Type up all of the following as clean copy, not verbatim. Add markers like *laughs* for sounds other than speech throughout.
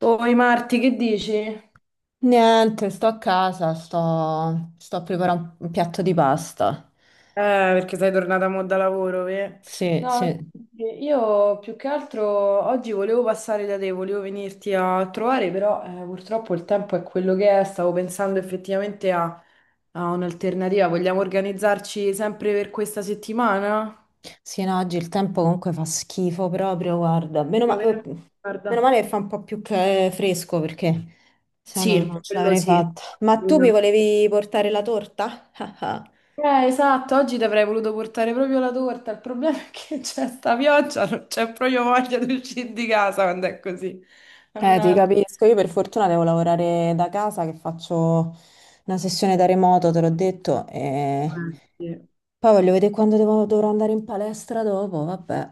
Oi Marti, che dici? Niente, sto a casa, sto a preparare un piatto di pasta. Perché sei tornata mo da lavoro, ve? Sì, No, sì, sì, io più che altro oggi volevo passare da te, volevo venirti a trovare, però purtroppo il tempo è quello che è, stavo pensando effettivamente a un'alternativa. Vogliamo organizzarci sempre per questa settimana? sì, no, oggi il tempo comunque fa schifo proprio, guarda. Meno, Proveremo. meno Guarda. male che fa un po' più che fresco perché se no non Sì, ce quello l'avrei sì. fatta. Ma tu mi volevi portare la torta? *laughs* Esatto, oggi ti avrei voluto portare proprio la torta. Il problema è che c'è sta pioggia, non c'è proprio voglia di uscire di casa quando è così. Ti Mannaggia. capisco, io per fortuna devo lavorare da casa che faccio una sessione da remoto, te l'ho detto, e Sì. poi voglio vedere quando dovrò andare in palestra dopo, vabbè,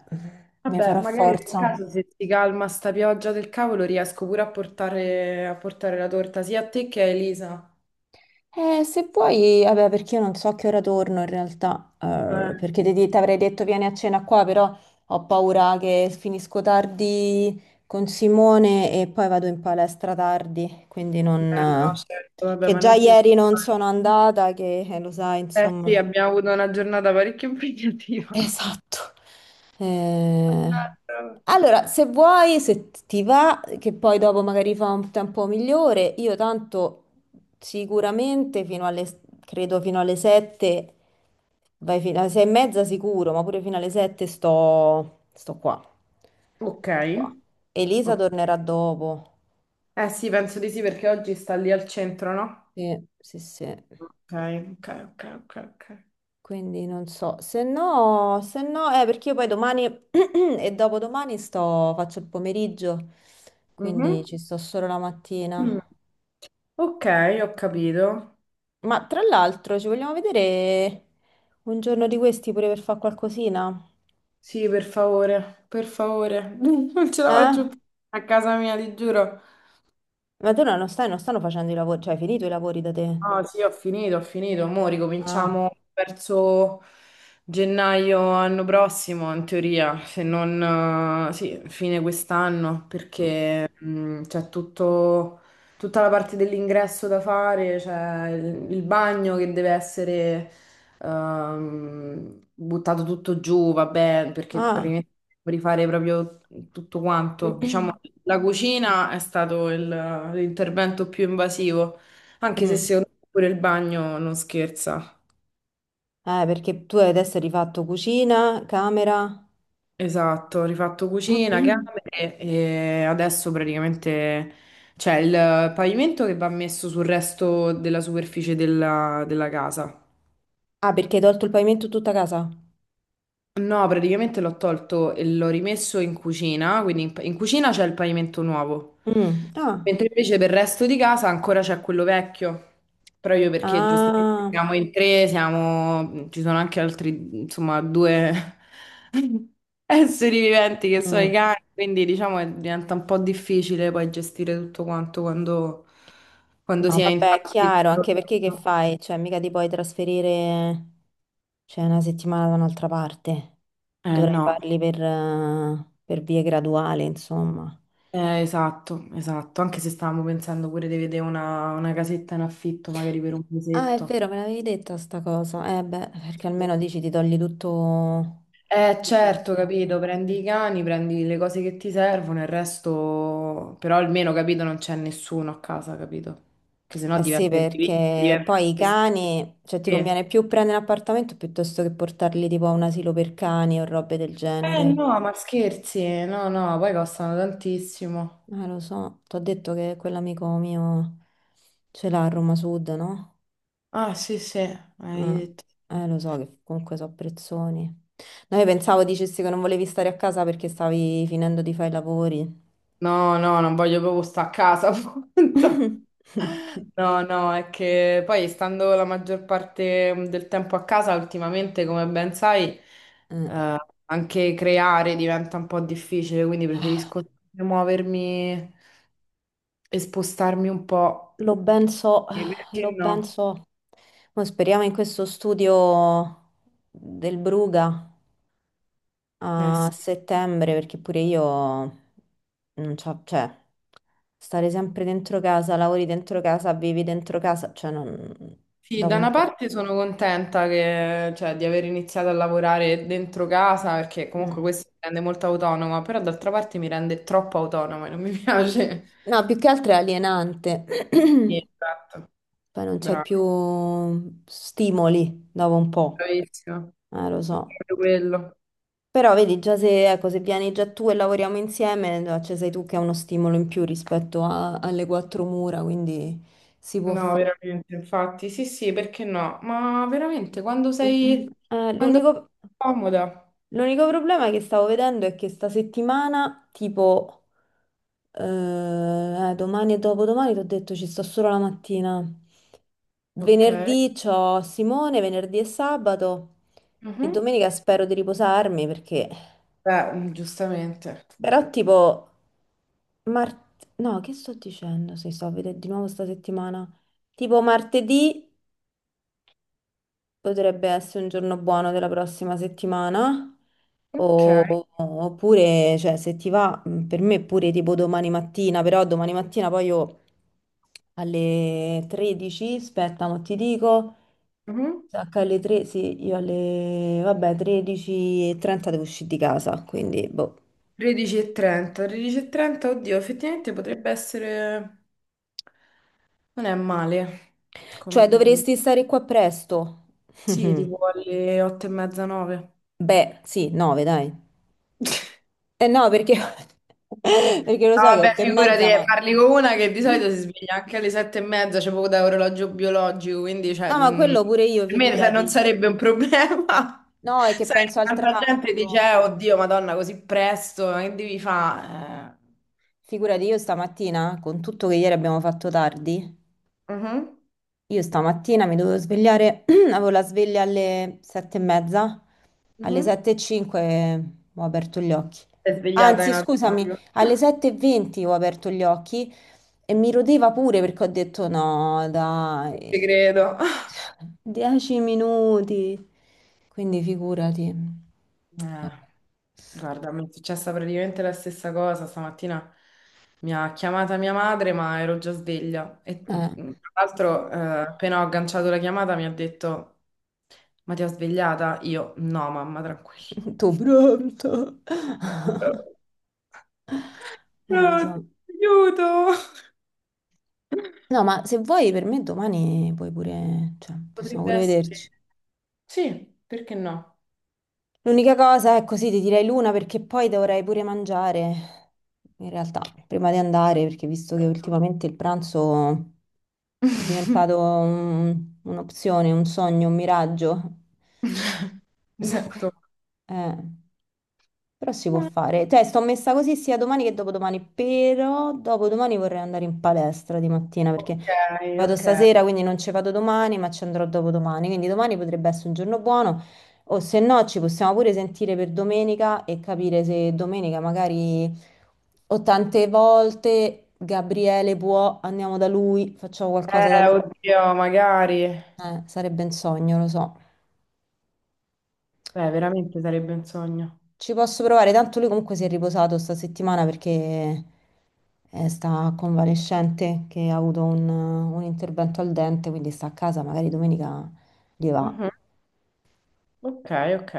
mi Vabbè, farò magari nel forza. caso se si calma sta pioggia del cavolo riesco pure a portare la torta sia a te che a Elisa. Se puoi, vabbè, perché io non so a che ora torno in realtà, Eh, perché ti avrei detto vieni a cena qua, però ho paura che finisco tardi con Simone e poi vado in palestra tardi, quindi non, no, certo, vabbè, che ma già non ti ieri non preoccupare. sono andata, che lo sai, Eh sì, insomma. abbiamo avuto una giornata parecchio *laughs* impegnativa. Esatto. Eh, Mannaggia. Allora, se vuoi, se ti va, che poi dopo magari fa un tempo migliore, io tanto sicuramente fino alle, credo fino alle 7, vai fino alle 6 e mezza sicuro, ma pure fino alle 7 sto qua. Ok. Sto qua. Elisa Ok. tornerà dopo. Eh sì, penso di sì perché oggi sta lì al centro, no? Sì, sì, sì. Ok, ok, ok, ok, ok. Quindi non so, se no, perché io poi domani *clears throat* e dopodomani sto, faccio il pomeriggio, quindi Mhm. ci sto solo la Mm. mattina. Ok, ho capito. Ma tra l'altro ci vogliamo vedere un giorno di questi pure per fare qualcosina? Sì, per favore, per favore. *laughs* Non ce la Eh? faccio più a casa mia, ti giuro. Ma tu no, non stanno facendo i lavori, cioè hai finito i lavori da te? Ah, sì, ho finito, ho finito. Mo' Ah. ricominciamo verso gennaio anno prossimo, in teoria, se non, sì, fine quest'anno, Mm. perché c'è tutto, tutta la parte dell'ingresso da fare, c'è il bagno che deve essere buttato tutto giù, vabbè, perché Ah. praticamente devo rifare proprio tutto quanto. Diciamo, *clears throat* la cucina è stato l'intervento più invasivo. Anche se Mm. secondo me pure il bagno non scherza. Perché tu adesso hai adesso rifatto cucina, camera. Esatto, ho rifatto cucina, *clears throat* camere e adesso praticamente c'è il pavimento che va messo sul resto della superficie della casa. Ah, perché hai tolto il pavimento tutta casa? No, praticamente l'ho tolto e l'ho rimesso in cucina, quindi in cucina c'è il pavimento nuovo, Mm. Ah. mentre invece per il resto di casa ancora c'è quello vecchio, proprio perché giustamente Ah, siamo in tre, siamo, ci sono anche altri, insomma, due *laughs* esseri viventi che sono i mm. cani, quindi diciamo che diventa un po' difficile poi gestire tutto quanto quando No, si è in vabbè, è tanti. chiaro, anche perché che fai? Cioè, mica ti puoi trasferire, cioè, una settimana da un'altra parte. Eh Dovrai no. farli per vie graduali, insomma. Esatto, esatto, anche se stavamo pensando pure di vedere una casetta in affitto, magari per un Ah, è mesetto. vero, me l'avevi detta sta cosa. Eh beh, perché almeno dici ti togli tutto, tutto Certo, capito, insieme. prendi i cani, prendi le cose che ti servono, il resto, però almeno, capito, non c'è nessuno a casa, capito? Che sennò Eh sì, diventa individui, perché diventa... poi i Sì. cani, cioè ti Eh conviene più prendere un appartamento piuttosto che portarli tipo a un asilo per cani o robe del genere. no, ma scherzi, no, no, poi costano tantissimo. Lo so, ti ho detto che quell'amico mio ce l'ha a Roma Sud, no? Ah, sì, sì, hai Eh, detto. Lo so che comunque so prezzoni. No, io pensavo dicessi che non volevi stare a casa perché stavi finendo di fare i lavori. No, no, non voglio proprio stare a casa, *laughs* appunto. No, *laughs* no, è che poi stando la maggior parte del tempo a casa, ultimamente, come ben sai, Eh, eh, anche creare diventa un po' difficile, quindi preferisco muovermi e spostarmi un po'. Lo ben so, E lo perché ben no? so. Mo speriamo in questo studio del Bruga, Eh a sì. settembre perché pure io non c'ho, cioè, stare sempre dentro casa, lavori dentro casa, vivi dentro casa, cioè non, Sì, dopo da un una po'. parte sono contenta che, cioè, di aver iniziato a lavorare dentro casa perché comunque Mm. questo mi rende molto autonoma, però d'altra parte mi rende troppo autonoma e non mi *laughs* piace. No, più che altro è alienante, *clears throat* Sì, esatto, poi non c'hai più bravo, stimoli dopo un po', bravissimo. Lo È so. proprio quello. Però vedi, già se, ecco, se vieni già tu e lavoriamo insieme, no, cioè sei tu che hai uno stimolo in più rispetto alle quattro mura, quindi si può No, fare. veramente, infatti, sì, sì, perché no? Ma veramente, *clears throat* Eh, quando sei l'unico... comoda. L'unico problema che stavo vedendo è che sta settimana, tipo, domani e dopodomani, ti ho detto ci sto solo la mattina. Ok. Venerdì c'ho Simone, venerdì e sabato e Mhm. domenica spero di riposarmi perché. Beh, giustamente. Però tipo. Mart. No, che sto dicendo se sto a vedere di nuovo sta settimana? Tipo martedì. Potrebbe essere un giorno buono della prossima settimana, Ok. Oppure, cioè, se ti va, per me pure tipo domani mattina, però domani mattina poi io alle 13, aspetta, ma ti dico, Mhm. sacca alle 3, sì, io alle, vabbè, 13:30 devo uscire di casa, quindi, boh. 13:30, 13:30, oddio, effettivamente potrebbe essere... Non è male, come... Cioè, dovresti stare qua presto. *laughs* Sì, tipo alle 8 e mezza, 9. Beh, sì, 9, dai. Eh no, perché, *laughs* perché lo No, so che è vabbè, otto e figurati, mezza, ma. parli con una che di solito si sveglia anche alle 7 e mezza, c'è poco da orologio biologico, quindi cioè, No, ma mm, quello pure io, per me non figurati. sarebbe un problema. *laughs* No, è che Sai, penso al tanta gente dice, traffico. Oddio, Madonna, così presto, che devi fare?" Figurati, io stamattina, con tutto che ieri abbiamo fatto tardi, mhm, io stamattina mi dovevo svegliare, *clears throat* avevo la sveglia alle 7:30, alle mhm. 7:05 ho aperto gli occhi. Sei svegliata in Anzi, scusami, automatico. alle *laughs* 7:20 ho aperto gli occhi e mi rodeva pure perché ho detto no, Ti dai, credo. *laughs* 10 minuti. Quindi figurati. Eh, guarda, mi è successa praticamente la stessa cosa. Stamattina mi ha chiamata mia madre, ma ero già sveglia. E Vabbè. Tra l'altro, appena ho agganciato la chiamata, mi ha detto: "Ma ti ho svegliata?" Io, no, mamma, *laughs* tranquilla. Tutto pronto. *laughs* No, Lo so. aiuto! No, ma se vuoi per me domani puoi pure, cioè, possiamo Potrebbe pure essere. vederci. Sì, perché no? L'unica cosa è così, ti direi l'una perché poi dovrei pure mangiare, in realtà, prima di andare, perché visto che ultimamente il pranzo è *laughs* diventato un'opzione, un sogno, un miraggio. Mi sento. *laughs* Eh, però si può fare. Cioè, sto messa così sia domani che dopodomani, però dopodomani vorrei andare in palestra di mattina perché Ok, vado ok. stasera, quindi non ci vado domani, ma ci andrò dopodomani. Quindi domani potrebbe essere un giorno buono, o se no ci possiamo pure sentire per domenica e capire se domenica magari o tante volte Gabriele può, andiamo da lui, facciamo qualcosa da lui. Oddio, magari. Sarebbe un sogno, lo so. Beh, veramente sarebbe un sogno. Ci posso provare, tanto lui comunque si è riposato sta settimana perché sta convalescente che ha avuto un intervento al dente, quindi sta a casa, magari domenica gli va. Mhm. Ok, ok.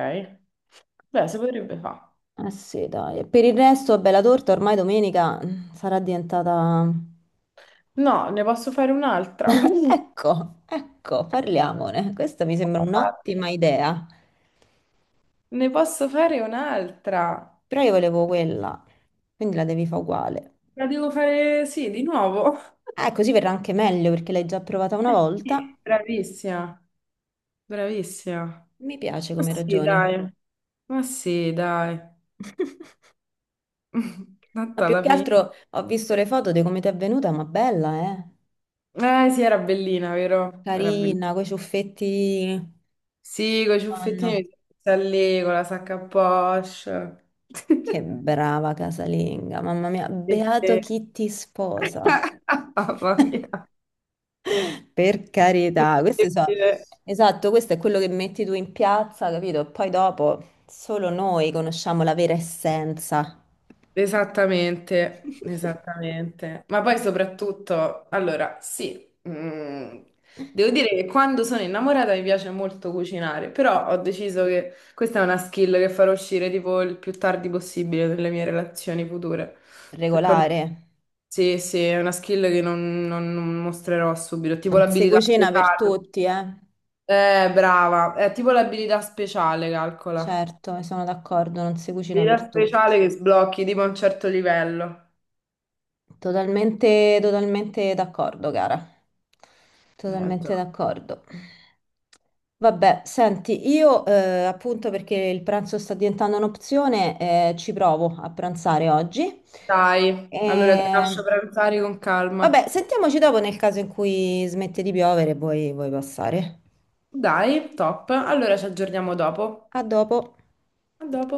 Beh, si potrebbe fare. Eh sì, dai. E per il resto, bella torta, ormai domenica mm, sarà diventata. *laughs* No, ne posso fare un'altra. *laughs* Ecco, ecco, parliamone. Questa mi sembra un'ottima idea, Ne posso fare un'altra. però io volevo quella, quindi la devi fare uguale. La devo fare, sì, di nuovo. Così verrà anche meglio perché l'hai già provata una Eh sì. volta. Bravissima, bravissima. Mi piace Ma come sì, ragioni. dai. Ma sì, dai. *laughs* *laughs* Ma Tanto più alla che fine. altro ho visto le foto di come ti è venuta, ma bella, eh? Eh sì, era bellina, vero? Era bellina. Carina, coi ciuffetti. Sì, con i Madonna. ciuffettini, sta lì, con la sacca a poche. Che brava casalinga, mamma mia, beato *laughs* chi ti sposa. *laughs* Mamma *laughs* mia. Per carità, Incredibile. esatto, questo è quello che metti tu in piazza, capito? E poi dopo solo noi conosciamo la vera essenza Esattamente, esattamente. Ma poi soprattutto, allora, sì, mm, devo dire che quando sono innamorata mi piace molto cucinare, però ho deciso che questa è una skill che farò uscire tipo il più tardi possibile nelle mie relazioni future. No, regolare. sì, sì, è una skill che non mostrerò subito, tipo Non si l'abilità cucina per speciale. tutti, eh? Brava, è tipo l'abilità speciale, calcola. Certo, sono d'accordo, non si cucina Abilità per tutti. speciale che sblocchi tipo a un certo livello. Totalmente, totalmente d'accordo, cara. Già. Totalmente d'accordo. Vabbè, senti, io appunto perché il pranzo sta diventando un'opzione, ci provo a pranzare oggi. Dai, allora ti lascio E. pranzare con calma. Vabbè, sentiamoci dopo nel caso in cui smette di piovere e vuoi passare. Dai, top. Allora ci aggiorniamo dopo. A dopo. A dopo.